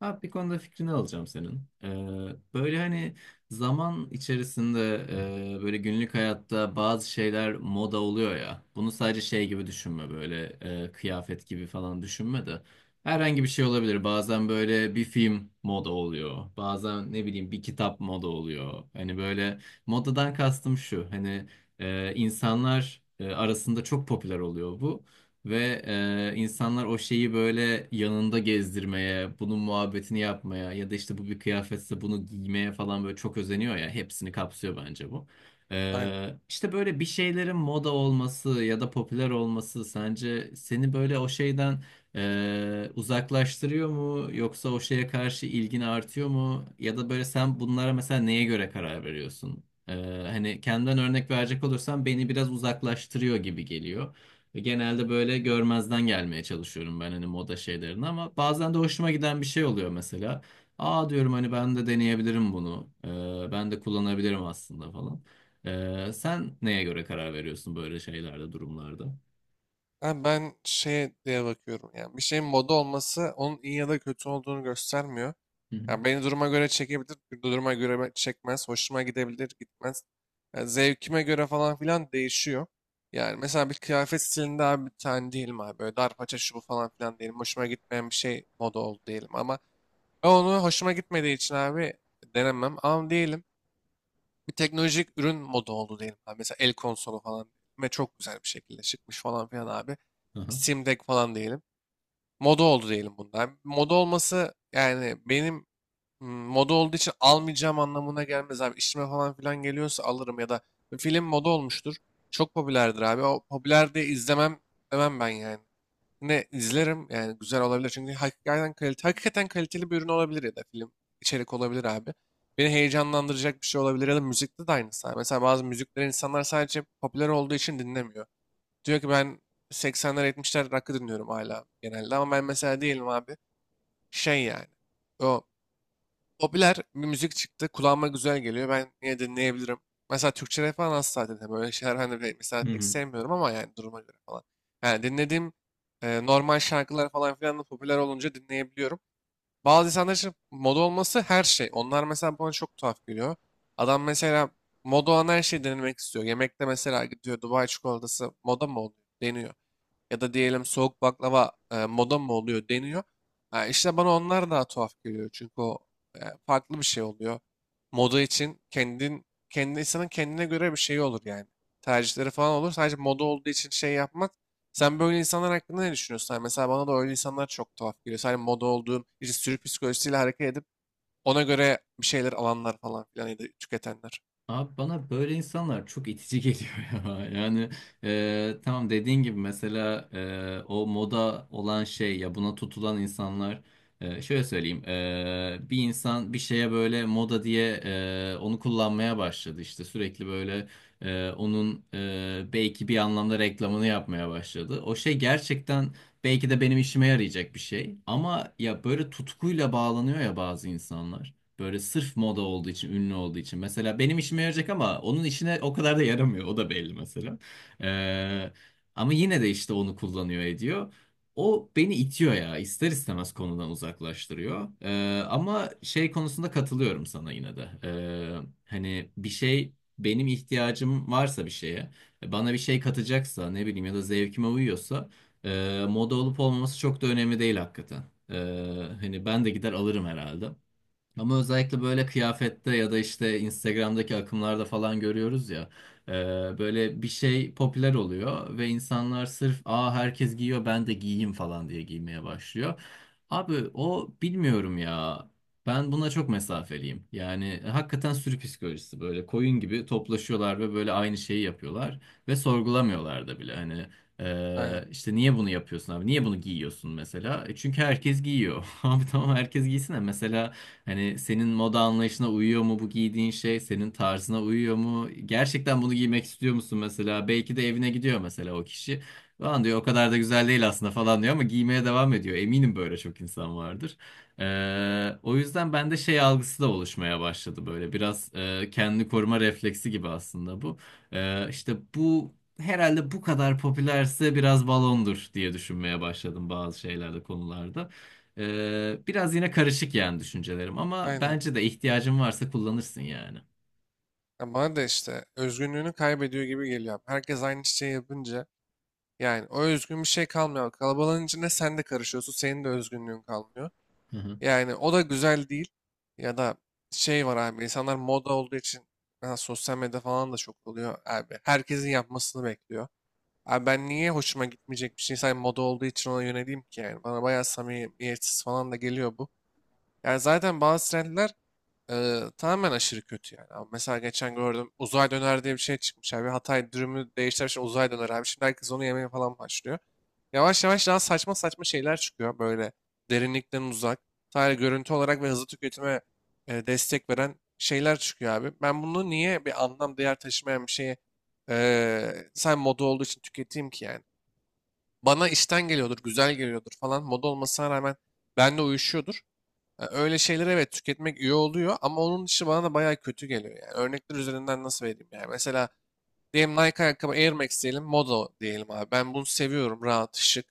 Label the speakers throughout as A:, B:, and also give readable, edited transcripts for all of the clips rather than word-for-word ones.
A: Abi bir konuda fikrini alacağım senin. Böyle hani zaman içerisinde böyle günlük hayatta bazı şeyler moda oluyor ya. Bunu sadece şey gibi düşünme, böyle kıyafet gibi falan düşünme de. Herhangi bir şey olabilir. Bazen böyle bir film moda oluyor. Bazen ne bileyim bir kitap moda oluyor. Hani böyle modadan kastım şu. Hani insanlar arasında çok popüler oluyor bu. Ve insanlar o şeyi böyle yanında gezdirmeye, bunun muhabbetini yapmaya ya da işte bu bir kıyafetse bunu giymeye falan böyle çok özeniyor ya. Hepsini kapsıyor bence bu.
B: Aynen.
A: İşte böyle bir şeylerin moda olması ya da popüler olması sence seni böyle o şeyden uzaklaştırıyor mu? Yoksa o şeye karşı ilgin artıyor mu? Ya da böyle sen bunlara mesela neye göre karar veriyorsun? Hani kendimden örnek verecek olursam beni biraz uzaklaştırıyor gibi geliyor. Ve genelde böyle görmezden gelmeye çalışıyorum ben, hani moda şeylerini, ama bazen de hoşuma giden bir şey oluyor mesela. Aa diyorum, hani ben de deneyebilirim bunu. Ben de kullanabilirim aslında falan. Sen neye göre karar veriyorsun böyle şeylerde, durumlarda?
B: Ben şeye diye bakıyorum. Yani bir şeyin moda olması onun iyi ya da kötü olduğunu göstermiyor.
A: Hı hı.
B: Yani beni duruma göre çekebilir, duruma göre çekmez, hoşuma gidebilir, gitmez. Yani zevkime göre falan filan değişiyor. Yani mesela bir kıyafet stilinde abi bir tane değilim abi. Böyle dar paça şu bu falan filan değilim. Hoşuma gitmeyen bir şey moda oldu diyelim ama ben onu hoşuma gitmediği için abi denemem. Ama diyelim bir teknolojik ürün moda oldu diyelim abi. Mesela el konsolu falan ve çok güzel bir şekilde çıkmış falan filan abi.
A: Aha.
B: Steam Deck falan diyelim. Moda oldu diyelim bunlar. Moda olması yani benim moda olduğu için almayacağım anlamına gelmez abi. İşime falan filan geliyorsa alırım ya da film moda olmuştur. Çok popülerdir abi. O popüler diye izlemem demem ben yani. Ne izlerim yani, güzel olabilir çünkü hakikaten kalite, hakikaten kaliteli bir ürün olabilir ya da film içerik olabilir abi. Beni heyecanlandıracak bir şey olabilir ya da müzikte de aynısı abi. Mesela bazı müzikleri insanlar sadece popüler olduğu için dinlemiyor. Diyor ki ben 80'ler 70'ler rock'ı dinliyorum hala, genelde. Ama ben mesela değilim abi şey yani. O popüler bir müzik çıktı. Kulağıma güzel geliyor. Ben yine dinleyebilirim. Mesela Türkçe rap falan asla dinlemiyorum. Öyle şeyler ben de mesela
A: Hı
B: pek
A: hı.
B: sevmiyorum ama yani duruma göre falan. Yani dinlediğim normal şarkılar falan filan da popüler olunca dinleyebiliyorum. Bazı insanlar için moda olması her şey. Onlar mesela bana çok tuhaf geliyor. Adam mesela moda olan her şeyi denemek istiyor. Yemekte mesela gidiyor, Dubai çikolatası moda mı oluyor? Deniyor. Ya da diyelim soğuk baklava moda mı oluyor, deniyor. Ha, işte bana onlar daha tuhaf geliyor. Çünkü o e, farklı bir şey oluyor. Moda için kendin, kendi insanın kendine göre bir şeyi olur yani. Tercihleri falan olur. Sadece moda olduğu için şey yapmak. Sen böyle insanlar hakkında ne düşünüyorsun? Yani mesela bana da öyle insanlar çok tuhaf geliyor. Sadece moda olduğum, işte sürü psikolojisiyle hareket edip ona göre bir şeyler alanlar falan filan ya da tüketenler.
A: Abi bana böyle insanlar çok itici geliyor ya. Yani tamam, dediğin gibi mesela o moda olan şey ya, buna tutulan insanlar, şöyle söyleyeyim, bir insan bir şeye böyle moda diye onu kullanmaya başladı, işte sürekli böyle onun belki bir anlamda reklamını yapmaya başladı. O şey gerçekten belki de benim işime yarayacak bir şey, ama ya böyle tutkuyla bağlanıyor ya bazı insanlar. Böyle sırf moda olduğu için, ünlü olduğu için. Mesela benim işime yarayacak ama onun işine o kadar da yaramıyor. O da belli mesela. Ee, Ama yine de işte onu kullanıyor ediyor. O beni itiyor ya. İster istemez konudan uzaklaştırıyor. Ama şey konusunda katılıyorum sana yine de. Hani bir şey, benim ihtiyacım varsa bir şeye, bana bir şey katacaksa, ne bileyim, ya da zevkime uyuyorsa moda olup olmaması çok da önemli değil hakikaten. Ee, Hani ben de gider alırım herhalde. Ama özellikle böyle kıyafette ya da işte Instagram'daki akımlarda falan görüyoruz ya. e, Böyle bir şey popüler oluyor ve insanlar sırf aa herkes giyiyor ben de giyeyim falan diye giymeye başlıyor. Abi o, bilmiyorum ya. Ben buna çok mesafeliyim. Yani hakikaten sürü psikolojisi, böyle koyun gibi toplaşıyorlar ve böyle aynı şeyi yapıyorlar ve sorgulamıyorlar da bile. Hani
B: Aynen.
A: işte niye bunu yapıyorsun abi? Niye bunu giyiyorsun mesela? E çünkü herkes giyiyor. Abi tamam, herkes giysin de mesela, hani senin moda anlayışına uyuyor mu bu giydiğin şey? Senin tarzına uyuyor mu? Gerçekten bunu giymek istiyor musun mesela? Belki de evine gidiyor mesela o kişi. Lan diyor, o kadar da güzel değil aslında falan diyor ama giymeye devam ediyor. Eminim böyle çok insan vardır. O yüzden bende şey algısı da oluşmaya başladı böyle. Biraz kendini koruma refleksi gibi aslında bu. İşte bu, herhalde bu kadar popülerse biraz balondur diye düşünmeye başladım bazı şeylerde, konularda. Biraz yine karışık yani düşüncelerim, ama
B: Aynen.
A: bence de ihtiyacın varsa kullanırsın yani.
B: Ya bana da işte özgünlüğünü kaybediyor gibi geliyor. Herkes aynı şeyi yapınca yani o özgün bir şey kalmıyor. Kalabalığın içinde sen de karışıyorsun. Senin de özgünlüğün kalmıyor.
A: Hı hı.
B: Yani o da güzel değil. Ya da şey var abi, insanlar moda olduğu için, ha, sosyal medya falan da çok oluyor abi. Herkesin yapmasını bekliyor. Abi ben niye hoşuma gitmeyecek bir şey sadece moda olduğu için ona yöneleyim ki yani. Bana bayağı samimiyetsiz falan da geliyor bu. Yani zaten bazı trendler tamamen aşırı kötü yani. Ama mesela geçen gördüm, uzay döner diye bir şey çıkmış abi. Hatay dürümü değiştirmiş uzay döner abi. Şimdi herkes onu yemeye falan başlıyor. Yavaş yavaş daha saçma saçma şeyler çıkıyor, böyle derinlikten uzak. Sadece görüntü olarak ve hızlı tüketime destek veren şeyler çıkıyor abi. Ben bunu niye, bir anlam değer taşımayan bir şeyi sen moda olduğu için tüketeyim ki yani. Bana işten geliyordur, güzel geliyordur falan. Moda olmasına rağmen benimle uyuşuyordur. E, öyle şeyler evet tüketmek iyi oluyor ama onun dışı bana da bayağı kötü geliyor. Yani örnekler üzerinden nasıl vereyim yani. Mesela diyelim Nike ayakkabı, Air Max diyelim, moda diyelim abi. Ben bunu seviyorum, rahat, şık.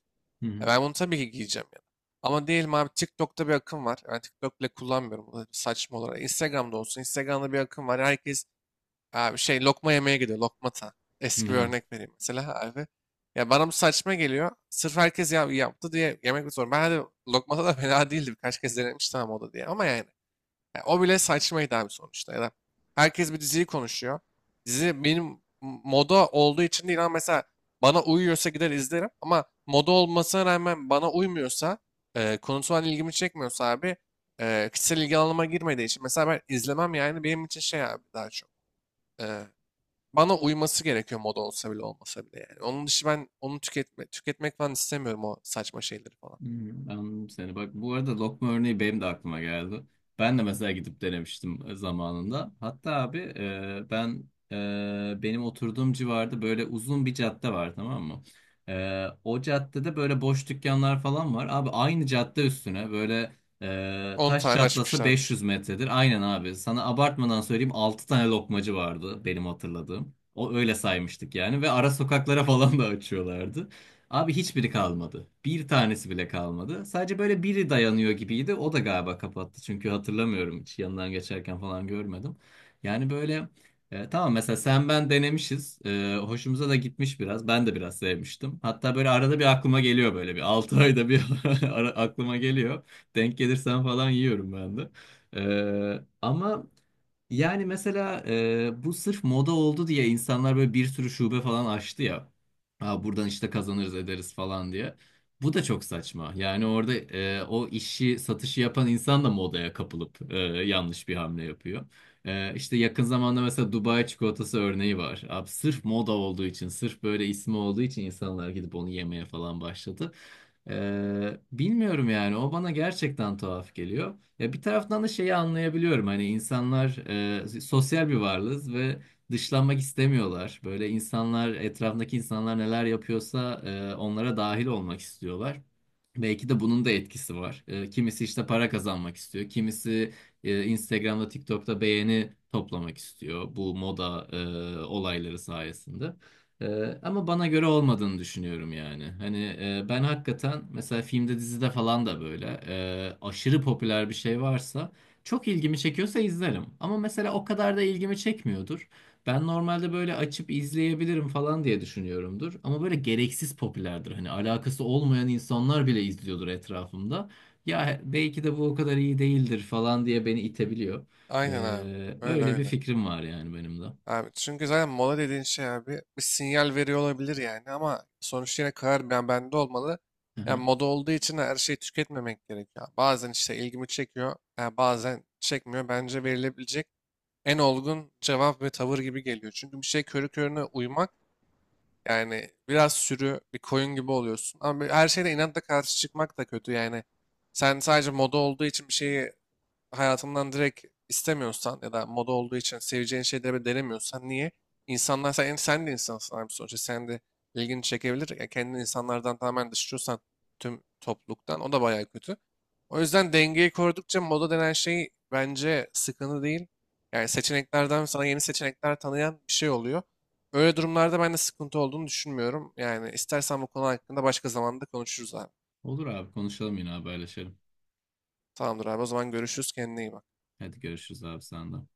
B: E, ben bunu tabii ki giyeceğim yani. Ama diyelim abi, TikTok'ta bir akım var. Ben TikTok bile kullanmıyorum, bu da saçma olarak. Instagram'da olsun. Instagram'da bir akım var. Herkes abi şey, lokma yemeye gidiyor. Lokmata.
A: Hı
B: Eski bir
A: hı.
B: örnek vereyim mesela abi. Ya bana bu saçma geliyor. Sırf herkes ya, yaptı diye yemek mi sorun. Ben de lokmata da fena değildi. Birkaç kez denemiştim ama o da diye. Ama yani, yani o bile saçmaydı abi sonuçta. Ya da herkes bir diziyi konuşuyor. Dizi benim moda olduğu için değil ama mesela bana uyuyorsa gider izlerim. Ama moda olmasına rağmen bana uymuyorsa, konusu ilgimi çekmiyorsa abi, kişisel ilgi alanıma girmediği için, mesela ben izlemem yani. Benim için şey abi daha çok, e, bana uyması gerekiyor, moda olsa bile olmasa bile yani. Onun dışı ben onu tüketmek falan istemiyorum, o saçma şeyleri falan.
A: Hmm, anladım seni. Bak, bu arada lokma örneği benim de aklıma geldi. Ben de mesela gidip denemiştim zamanında. Hatta abi, ben, benim oturduğum civarda böyle uzun bir cadde var, tamam mı? E, o caddede böyle boş dükkanlar falan var. Abi aynı cadde üstüne böyle
B: 10
A: taş
B: tane
A: çatlasa
B: açmışlardır.
A: 500 metredir. Aynen abi. Sana abartmadan söyleyeyim, 6 tane lokmacı vardı benim hatırladığım. O öyle saymıştık yani, ve ara sokaklara falan da açıyorlardı. Abi hiçbiri kalmadı. Bir tanesi bile kalmadı. Sadece böyle biri dayanıyor gibiydi. O da galiba kapattı. Çünkü hatırlamıyorum, hiç yanından geçerken falan görmedim. Yani böyle, tamam mesela sen ben denemişiz. E, hoşumuza da gitmiş biraz. Ben de biraz sevmiştim. Hatta böyle arada bir aklıma geliyor, böyle bir 6 ayda bir aklıma geliyor. Denk gelirsen falan yiyorum ben de. Ama yani mesela bu sırf moda oldu diye insanlar böyle bir sürü şube falan açtı ya. Aa, buradan işte kazanırız ederiz falan diye. Bu da çok saçma. Yani orada o işi, satışı yapan insan da modaya kapılıp yanlış bir hamle yapıyor. İşte yakın zamanda mesela Dubai çikolatası örneği var. Abi sırf moda olduğu için, sırf böyle ismi olduğu için insanlar gidip onu yemeye falan başladı. Bilmiyorum yani, o bana gerçekten tuhaf geliyor. Ya bir taraftan da şeyi anlayabiliyorum. Hani insanlar, sosyal bir varlığız ve dışlanmak istemiyorlar. Böyle insanlar, etrafındaki insanlar neler yapıyorsa onlara dahil olmak istiyorlar. Belki de bunun da etkisi var. E, kimisi işte para kazanmak istiyor. Kimisi Instagram'da, TikTok'ta beğeni toplamak istiyor bu moda olayları sayesinde. E, Ama bana göre olmadığını düşünüyorum yani. Hani ben hakikaten mesela filmde, dizide falan da böyle aşırı popüler bir şey varsa, çok ilgimi çekiyorsa, izlerim. Ama mesela o kadar da ilgimi çekmiyordur. Ben normalde böyle açıp izleyebilirim falan diye düşünüyorumdur. Ama böyle gereksiz popülerdir. Hani alakası olmayan insanlar bile izliyordur etrafımda. Ya belki de bu o kadar iyi değildir falan diye beni itebiliyor.
B: Aynen abi. Öyle
A: Öyle bir
B: öyle.
A: fikrim var yani benim de.
B: Abi çünkü zaten mola dediğin şey abi bir sinyal veriyor olabilir yani ama sonuçta yine karar bende olmalı.
A: Aha.
B: Yani moda olduğu için her şeyi tüketmemek gerekiyor. Bazen işte ilgimi çekiyor, yani bazen çekmiyor. Bence verilebilecek en olgun cevap ve tavır gibi geliyor. Çünkü bir şey körü körüne uymak, yani biraz sürü bir koyun gibi oluyorsun. Ama her şeyde inatla karşı çıkmak da kötü yani. Sen sadece moda olduğu için bir şeyi hayatından direkt istemiyorsan ya da moda olduğu için seveceğin şeyleri bile denemiyorsan, niye? İnsanlar, sen de insansın abi sonuçta. Sen de ilgini çekebilir. Ya kendini insanlardan tamamen dışlıyorsan, tüm topluluktan, o da bayağı kötü. O yüzden dengeyi korudukça moda denen şey bence sıkıntı değil. Yani seçeneklerden sana yeni seçenekler tanıyan bir şey oluyor. Öyle durumlarda ben de sıkıntı olduğunu düşünmüyorum. Yani istersen bu konu hakkında başka zamanda konuşuruz abi.
A: Olur abi, konuşalım, yine haberleşelim.
B: Tamamdır abi, o zaman görüşürüz, kendine iyi bak.
A: Hadi görüşürüz abi, senden.